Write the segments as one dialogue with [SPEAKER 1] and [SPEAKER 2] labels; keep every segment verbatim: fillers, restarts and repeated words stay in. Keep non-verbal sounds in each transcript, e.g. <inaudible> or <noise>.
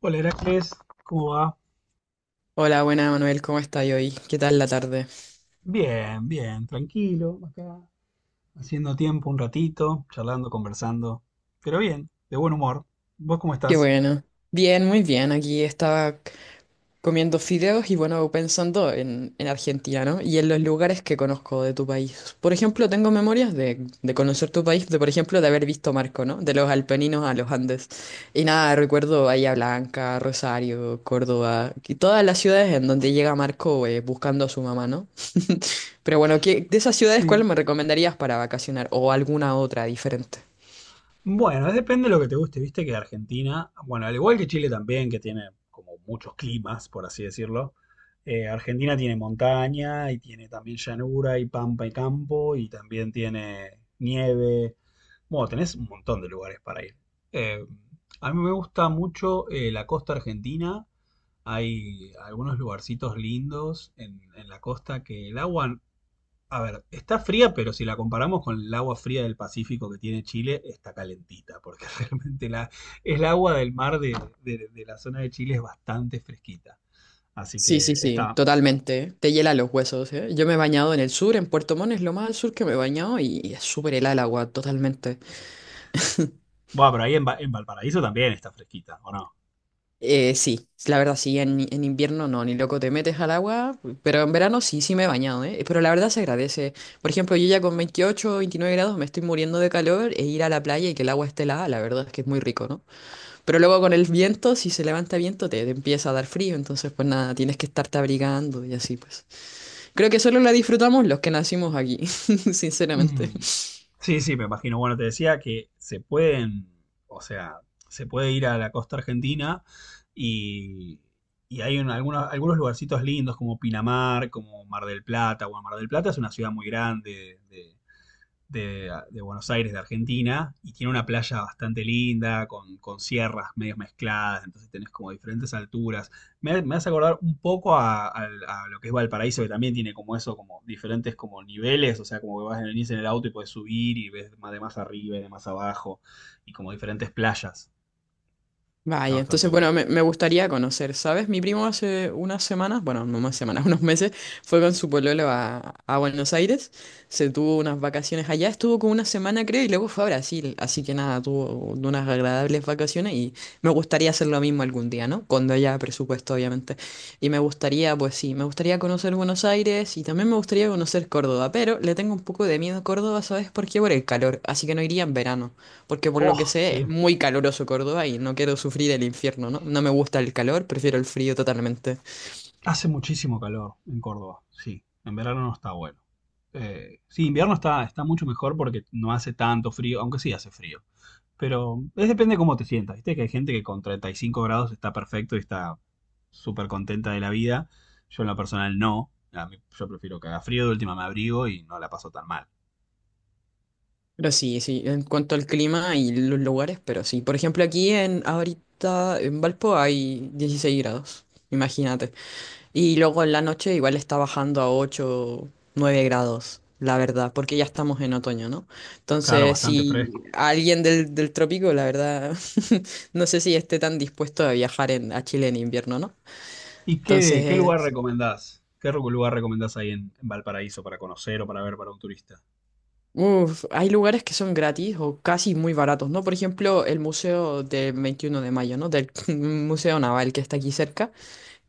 [SPEAKER 1] Hola Heracles, ¿cómo va?
[SPEAKER 2] Hola, buena Manuel, ¿cómo estás hoy? ¿Qué tal la tarde?
[SPEAKER 1] Bien, bien, tranquilo, acá, haciendo tiempo un ratito, charlando, conversando, pero bien, de buen humor. ¿Vos cómo
[SPEAKER 2] Qué
[SPEAKER 1] estás?
[SPEAKER 2] bueno. Bien, muy bien. Aquí estaba comiendo fideos y bueno, pensando en, en Argentina, ¿no? Y en los lugares que conozco de tu país. Por ejemplo, tengo memorias de, de conocer tu país, de por ejemplo, de haber visto Marco, ¿no? De los Alpeninos a los Andes. Y nada, recuerdo Bahía Blanca, Rosario, Córdoba, y todas las ciudades en donde llega Marco eh, buscando a su mamá, ¿no? <laughs> Pero bueno, ¿qué, de esas ciudades, cuál
[SPEAKER 1] Sí,
[SPEAKER 2] me recomendarías para vacacionar o alguna otra diferente?
[SPEAKER 1] bueno, depende de lo que te guste, viste que Argentina, bueno, al igual que Chile también, que tiene como muchos climas, por así decirlo. eh, Argentina tiene montaña y tiene también llanura y pampa y campo y también tiene nieve. Bueno, tenés un montón de lugares para ir. Eh, a mí me gusta mucho eh, la costa argentina. Hay algunos lugarcitos lindos en, en la costa que el agua, a ver, está fría, pero si la comparamos con el agua fría del Pacífico que tiene Chile, está calentita, porque <laughs> realmente la, el agua del mar de, de- de la zona de Chile es bastante fresquita. Así
[SPEAKER 2] Sí, sí,
[SPEAKER 1] que
[SPEAKER 2] sí,
[SPEAKER 1] está...
[SPEAKER 2] totalmente. Te hiela los huesos, ¿eh? Yo me he bañado en el sur, en Puerto Montt, es lo más al sur que me he bañado y es súper helada el agua, totalmente.
[SPEAKER 1] Bueno, pero ahí en, Va- en Valparaíso también está fresquita, ¿o no?
[SPEAKER 2] Eh, sí, la verdad, sí, en, en invierno no, ni loco te metes al agua, pero en verano sí, sí me he bañado, ¿eh? Pero la verdad se agradece. Por ejemplo, yo ya con veintiocho, veintinueve grados me estoy muriendo de calor e ir a la playa y que el agua esté helada, la verdad es que es muy rico, ¿no? Pero luego con el viento, si se levanta viento, te, te empieza a dar frío, entonces pues nada, tienes que estarte abrigando y así pues. Creo que solo la disfrutamos los que nacimos aquí, <laughs> sinceramente.
[SPEAKER 1] Mm. Sí, sí, me imagino. Bueno, te decía que se pueden, o sea, se puede ir a la costa argentina y, y hay un- algunos, algunos lugarcitos lindos como Pinamar, como Mar del Plata. Bueno, Mar del Plata es una ciudad muy grande de, de, Buenos Aires, de Argentina, y tiene una playa bastante linda, con, con sierras medio mezcladas, entonces tenés como diferentes alturas. Me, me hace acordar un poco a, a, a lo que es Valparaíso, que también tiene como eso, como diferentes como niveles, o sea, como que vas en el, venís en el auto y puedes subir y ves más de más arriba y de más abajo, y como diferentes playas. Está
[SPEAKER 2] Vaya,
[SPEAKER 1] bastante
[SPEAKER 2] entonces,
[SPEAKER 1] bueno.
[SPEAKER 2] bueno, me, me gustaría conocer, ¿sabes? Mi primo hace unas semanas, bueno, no más semanas, <laughs> unos meses, fue con su pololo a, a Buenos Aires, se tuvo unas vacaciones allá, estuvo como una semana creo y luego fue a Brasil, así que nada, tuvo unas agradables vacaciones y me gustaría hacer lo mismo algún día, ¿no? Cuando haya presupuesto, obviamente. Y me gustaría, pues sí, me gustaría conocer Buenos Aires y también me gustaría conocer Córdoba, pero le tengo un poco de miedo a Córdoba, ¿sabes? Porque ¿por qué? Por el calor, así que no iría en verano. Porque por lo que
[SPEAKER 1] Oh,
[SPEAKER 2] sé es
[SPEAKER 1] sí.
[SPEAKER 2] muy caluroso Córdoba y no quiero sufrir el infierno, ¿no? No me gusta el calor, prefiero el frío totalmente.
[SPEAKER 1] Hace muchísimo calor en Córdoba, sí. En verano no está bueno. Eh, sí, invierno está, está mucho mejor porque no hace tanto frío, aunque sí hace frío. Pero es depende de cómo te sientas, ¿viste? Que hay gente que con treinta y cinco grados está perfecto y está súper contenta de la vida. Yo en lo personal no. A mí- yo prefiero que haga frío, de última me abrigo y no la paso tan mal.
[SPEAKER 2] Pero sí, sí, en cuanto al clima y los lugares, pero sí. Por ejemplo, aquí en ahorita en Valpo hay dieciséis grados, imagínate. Y luego en la noche igual está bajando a ocho nueve grados, la verdad, porque ya estamos en otoño, ¿no?
[SPEAKER 1] Claro,
[SPEAKER 2] Entonces,
[SPEAKER 1] bastante
[SPEAKER 2] si
[SPEAKER 1] fresco.
[SPEAKER 2] alguien del, del trópico, la verdad, <laughs> no sé si esté tan dispuesto a viajar en, a Chile en invierno, ¿no?
[SPEAKER 1] ¿Y qué, qué lugar
[SPEAKER 2] Entonces,
[SPEAKER 1] recomendás? ¿Qué ru- lugar recomendás ahí en, en Valparaíso para conocer o para ver para un turista?
[SPEAKER 2] uf, hay lugares que son gratis o casi muy baratos, ¿no? Por ejemplo, el Museo del veintiuno de Mayo, ¿no? Del <laughs> Museo Naval que está aquí cerca.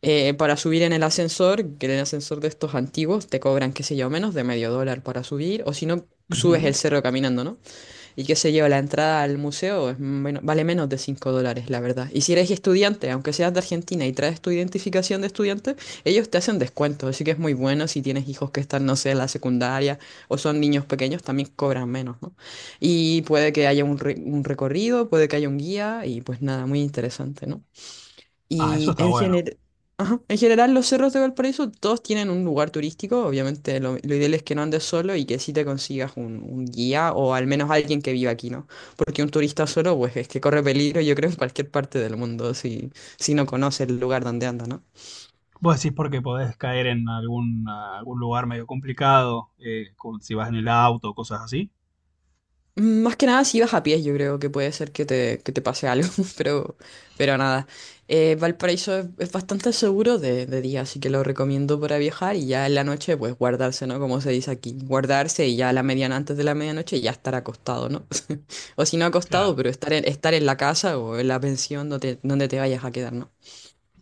[SPEAKER 2] Eh, para subir en el ascensor, que en el ascensor de estos antiguos te cobran, qué sé yo, menos de medio dólar para subir, o si no, subes el
[SPEAKER 1] Ujú.
[SPEAKER 2] cerro caminando, ¿no? Y qué sé yo, la entrada al museo es men- vale menos de cinco dólares, la verdad. Y si eres estudiante, aunque seas de Argentina y traes tu identificación de estudiante, ellos te hacen descuentos. Así que es muy bueno si tienes hijos que están, no sé, en la secundaria o son niños pequeños, también cobran menos, ¿no? Y puede que haya un, re- un recorrido, puede que haya un guía y pues nada, muy interesante, ¿no?
[SPEAKER 1] Ah, eso
[SPEAKER 2] Y
[SPEAKER 1] está
[SPEAKER 2] en
[SPEAKER 1] bueno.
[SPEAKER 2] general, en general los cerros de Valparaíso todos tienen un lugar turístico. Obviamente lo, lo ideal es que no andes solo y que sí te consigas un, un guía o al menos alguien que viva aquí, ¿no? Porque un turista solo, pues es que corre peligro, yo creo, en cualquier parte del mundo si, si no conoce el lugar donde anda, ¿no?
[SPEAKER 1] Vos decís porque podés caer en algún, algún lugar medio complicado, eh, con- si vas en el auto, cosas así.
[SPEAKER 2] Mm, más que nada si ibas a pies, yo creo que puede ser que te, que te pase algo, <laughs> pero, pero nada. Eh, Valparaíso es, es bastante seguro de, de día, así que lo recomiendo para viajar y ya en la noche, pues guardarse, ¿no? Como se dice aquí, guardarse y ya a la mediana, antes de la medianoche, ya estar acostado, ¿no? <laughs> O si no acostado,
[SPEAKER 1] Claro,
[SPEAKER 2] pero estar en, estar en la casa o en la pensión donde, donde te vayas a quedar, ¿no?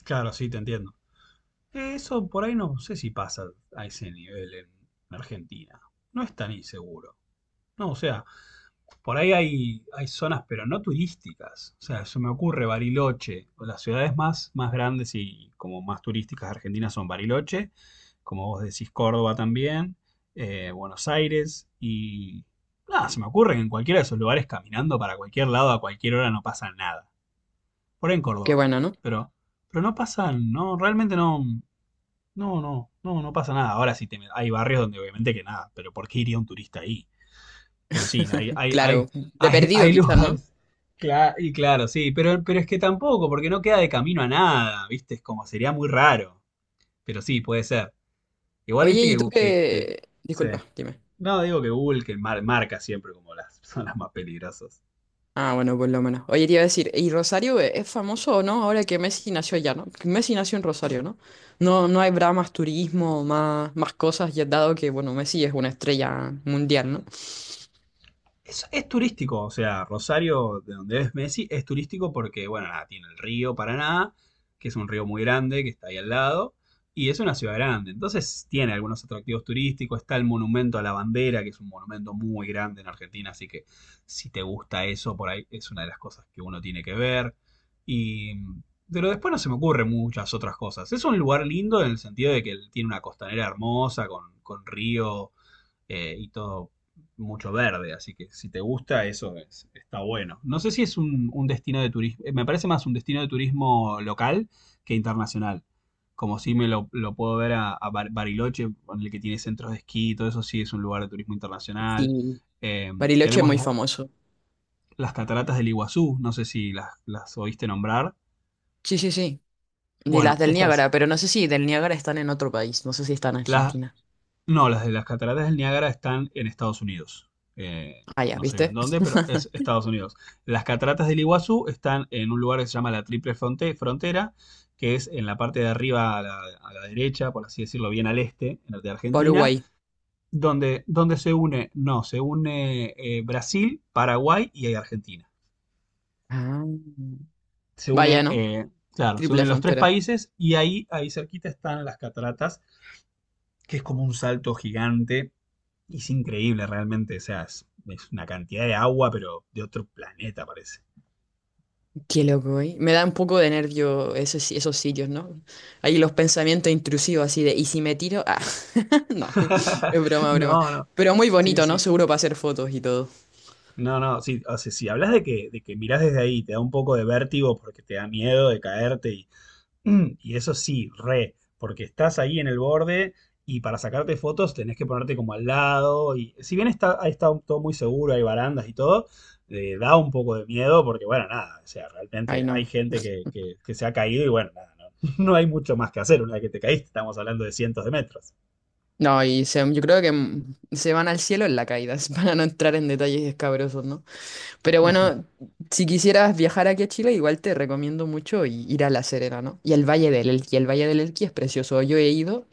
[SPEAKER 1] claro, sí, te entiendo. Eso por ahí no sé si pasa a ese nivel en Argentina. No es tan inseguro. No, o sea, por ahí hay, hay zonas, pero no turísticas. O sea, se me ocurre Bariloche. Las ciudades más, más grandes y como más turísticas de Argentina son Bariloche, como vos decís, Córdoba también, eh, Buenos Aires y... Nada, se me ocurre que en cualquiera de esos lugares caminando para cualquier lado a cualquier hora no pasa nada. Por ahí en
[SPEAKER 2] Qué
[SPEAKER 1] Córdoba.
[SPEAKER 2] bueno, ¿no?
[SPEAKER 1] Pero, pero no pasan, no, realmente no, no, no, no, no pasa nada. Ahora sí, te met- hay barrios donde obviamente que nada, pero ¿por qué iría un turista ahí? Pero sí, hay,
[SPEAKER 2] <laughs>
[SPEAKER 1] hay,
[SPEAKER 2] Claro,
[SPEAKER 1] hay,
[SPEAKER 2] de
[SPEAKER 1] hay,
[SPEAKER 2] perdido
[SPEAKER 1] hay
[SPEAKER 2] quizás, ¿no?
[SPEAKER 1] lugares. Cla- y claro, sí, pero, pero es que tampoco, porque no queda de camino a nada, ¿viste? Es como sería muy raro. Pero sí, puede ser. Igual,
[SPEAKER 2] Oye,
[SPEAKER 1] viste
[SPEAKER 2] ¿y
[SPEAKER 1] que,
[SPEAKER 2] tú
[SPEAKER 1] Gu- que, que-
[SPEAKER 2] qué?
[SPEAKER 1] sí.
[SPEAKER 2] Disculpa, dime.
[SPEAKER 1] No, digo que Google que mar- marca siempre como las <laughs> zonas más peligrosas.
[SPEAKER 2] Ah, bueno, por lo menos. Oye, te iba a decir, ¿y Rosario e- es famoso o no? Ahora que Messi nació allá, ¿no? Que Messi nació en Rosario, ¿no? No, no habrá más turismo, más, más cosas, ya dado que, bueno, Messi es una estrella mundial, ¿no?
[SPEAKER 1] Es, es turístico, o sea, Rosario, de donde es Messi, es turístico porque, bueno, nada, tiene el río Paraná, que es un río muy grande que está ahí al lado, y es una ciudad grande. Entonces tiene algunos atractivos turísticos, está el monumento a la bandera, que es un monumento muy grande en Argentina, así que si te gusta eso, por ahí es una de las cosas que uno tiene que ver. Y, pero después no se me ocurren muchas otras cosas. Es un lugar lindo en el sentido de que tiene una costanera hermosa, con, con río eh, y todo mucho verde, así que si te gusta eso es- está bueno. No sé si es un, un destino de turismo, eh, me parece más un destino de turismo local que internacional. Como si me lo, lo puedo ver a, a Bar- Bariloche, el que tiene centros de esquí, y todo eso sí es un lugar de turismo internacional.
[SPEAKER 2] Sí.
[SPEAKER 1] Eh,
[SPEAKER 2] Bariloche es
[SPEAKER 1] tenemos
[SPEAKER 2] muy
[SPEAKER 1] la-
[SPEAKER 2] famoso.
[SPEAKER 1] las cataratas del Iguazú, no sé si las, las oíste nombrar.
[SPEAKER 2] Sí, sí, sí. Y las
[SPEAKER 1] Bueno,
[SPEAKER 2] del
[SPEAKER 1] estas,
[SPEAKER 2] Niágara, pero no sé si del Niágara están en otro país, no sé si están en
[SPEAKER 1] las,
[SPEAKER 2] Argentina.
[SPEAKER 1] no, las de las cataratas del Niágara están en Estados Unidos. Eh,
[SPEAKER 2] Ah, ya,
[SPEAKER 1] no sé bien
[SPEAKER 2] ¿viste?
[SPEAKER 1] dónde, pero es Estados Unidos. Las cataratas del Iguazú están en un lugar que se llama la Triple Fronte- Frontera, que es en la parte de arriba a la, a la derecha, por así decirlo, bien al este en la de Argentina,
[SPEAKER 2] Paraguay.
[SPEAKER 1] donde, donde se une, no, se une eh, Brasil, Paraguay y ahí Argentina.
[SPEAKER 2] Ah.
[SPEAKER 1] Se
[SPEAKER 2] Vaya,
[SPEAKER 1] une,
[SPEAKER 2] ¿no?
[SPEAKER 1] eh, claro, se
[SPEAKER 2] Triple
[SPEAKER 1] unen los tres
[SPEAKER 2] frontera.
[SPEAKER 1] países y ahí, ahí cerquita están las cataratas, que es como un salto gigante y es increíble realmente, o sea, es, es una cantidad de agua, pero de otro planeta parece.
[SPEAKER 2] Qué loco, ¿eh? Me da un poco de nervio esos, esos sitios, ¿no? Ahí los pensamientos intrusivos así de, ¿y si me tiro? Ah, <laughs> no, <laughs>
[SPEAKER 1] <laughs>
[SPEAKER 2] es broma, broma.
[SPEAKER 1] No, no.
[SPEAKER 2] Pero muy
[SPEAKER 1] Sí,
[SPEAKER 2] bonito, ¿no?
[SPEAKER 1] sí.
[SPEAKER 2] Seguro para hacer fotos y todo.
[SPEAKER 1] No, no, sí. O sea, si hablas de que, de que mirás desde ahí, te da un poco de vértigo porque te da miedo de caerte. Mm, y eso sí, re, porque estás ahí en el borde y para sacarte fotos tenés que ponerte como al lado. Y si bien está, ahí está todo muy seguro, hay barandas y todo, eh, da un poco de miedo porque, bueno, nada, o sea,
[SPEAKER 2] Ay,
[SPEAKER 1] realmente hay
[SPEAKER 2] no.
[SPEAKER 1] gente que, que- que se ha caído y, bueno, nada, no, <laughs> no hay mucho más que hacer. Una vez que te caíste, estamos hablando de cientos de metros.
[SPEAKER 2] No, y se- yo creo que mm, se van al cielo en la caída, <laughs> para no entrar en detalles escabrosos, ¿no? Pero bueno,
[SPEAKER 1] <laughs>
[SPEAKER 2] si quisieras viajar aquí a Chile, igual te recomiendo mucho y- ir a La Serena, ¿no? Y al Valle del Elqui. El Valle del Elqui es precioso. Yo he ido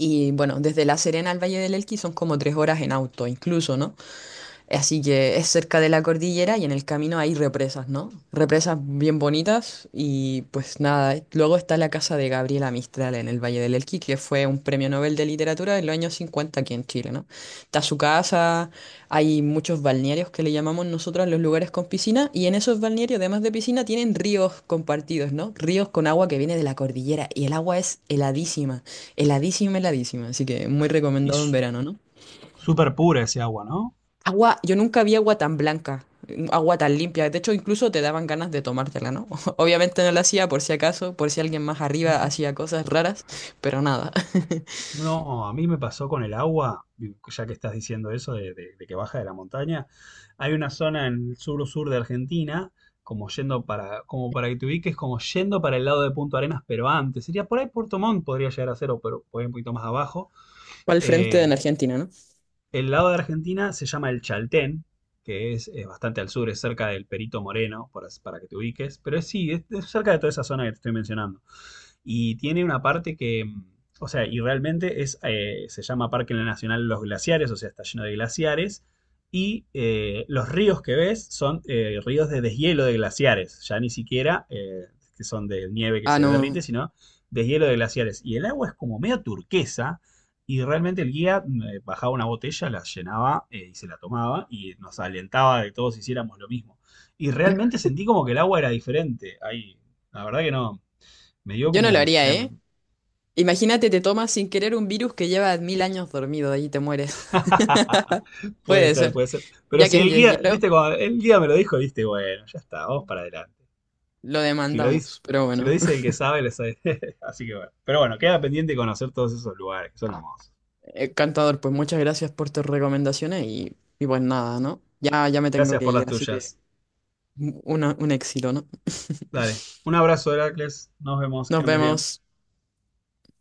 [SPEAKER 2] y bueno, desde La Serena al Valle del Elqui son como tres horas en auto, incluso, ¿no? Así que es cerca de la cordillera y en el camino hay represas, ¿no? Represas bien bonitas y pues nada, eh, luego está la casa de Gabriela Mistral en el Valle del Elqui, que fue un premio Nobel de Literatura en los años cincuenta aquí en Chile, ¿no? Está su casa, hay muchos balnearios que le llamamos nosotros los lugares con piscina y en esos balnearios, además de piscina, tienen ríos compartidos, ¿no? Ríos con agua que viene de la cordillera y el agua es heladísima, heladísima, heladísima, así que muy
[SPEAKER 1] Y
[SPEAKER 2] recomendado en
[SPEAKER 1] su-
[SPEAKER 2] verano, ¿no?
[SPEAKER 1] súper pura ese agua,
[SPEAKER 2] Agua, yo nunca vi agua tan blanca, mm, agua tan limpia. De hecho, incluso te daban ganas de tomártela, ¿no? <laughs> Obviamente no la hacía por si acaso, por si alguien más
[SPEAKER 1] ¿no?
[SPEAKER 2] arriba hacía cosas raras, pero nada. <laughs>
[SPEAKER 1] No, a mí me pasó con el agua, y ya que estás diciendo eso de, de- de que baja de la montaña. Hay una zona en el sur-sur de Argentina, como yendo para, como para que te ubiques, como yendo para el lado de Punto Arenas, pero antes. Sería por ahí Puerto Montt, podría llegar a ser, o pero por ahí un poquito más abajo.
[SPEAKER 2] Fue al frente
[SPEAKER 1] Eh,
[SPEAKER 2] en Argentina, ¿no?
[SPEAKER 1] el lado de Argentina se llama el Chaltén, que es, eh, bastante al sur, es cerca del Perito Moreno, para, para que te ubiques. Pero es- sí, es es cerca de toda esa zona que te estoy mencionando y tiene una parte que, mm, o sea, y realmente es, eh, se llama Parque Nacional Los Glaciares, o sea, está lleno de glaciares. Y eh, los ríos que ves son eh, ríos de deshielo de glaciares, ya ni siquiera eh, que son de nieve que
[SPEAKER 2] Ah,
[SPEAKER 1] se derrite,
[SPEAKER 2] no.
[SPEAKER 1] sino deshielo de glaciares. Y el agua es como medio turquesa, y realmente el guía mm, eh, bajaba una botella, la llenaba eh, y se la tomaba y nos alentaba de que todos hiciéramos lo mismo. Y realmente sentí como que el agua era diferente. Ahí, la verdad que no, me dio
[SPEAKER 2] Yo no lo
[SPEAKER 1] como.
[SPEAKER 2] haría,
[SPEAKER 1] Ya me-
[SPEAKER 2] ¿eh? Imagínate, te tomas sin querer un virus que lleva mil años dormido y te mueres.
[SPEAKER 1] <laughs>
[SPEAKER 2] <laughs>
[SPEAKER 1] Puede
[SPEAKER 2] Puede
[SPEAKER 1] ser,
[SPEAKER 2] ser.
[SPEAKER 1] puede ser. Pero
[SPEAKER 2] Ya que
[SPEAKER 1] si
[SPEAKER 2] es
[SPEAKER 1] el guía,
[SPEAKER 2] deshielo,
[SPEAKER 1] viste, cuando el guía me lo dijo, viste, bueno, ya está, vamos para adelante.
[SPEAKER 2] lo
[SPEAKER 1] Si lo dice,
[SPEAKER 2] demandamos. Pero
[SPEAKER 1] si lo
[SPEAKER 2] bueno,
[SPEAKER 1] dice el que
[SPEAKER 2] <laughs>
[SPEAKER 1] sabe, lo sabe. <laughs> Así que bueno. Pero bueno, queda pendiente conocer todos esos lugares, que son hermosos.
[SPEAKER 2] eh, cantador, pues muchas gracias por tus recomendaciones y, y pues nada, ¿no? Ya, ya me tengo
[SPEAKER 1] Gracias
[SPEAKER 2] que
[SPEAKER 1] por las
[SPEAKER 2] ir, así que
[SPEAKER 1] tuyas.
[SPEAKER 2] un, un éxito, ¿no?
[SPEAKER 1] Dale. Un abrazo, Heracles. Nos vemos, que
[SPEAKER 2] Nos
[SPEAKER 1] andes bien.
[SPEAKER 2] vemos.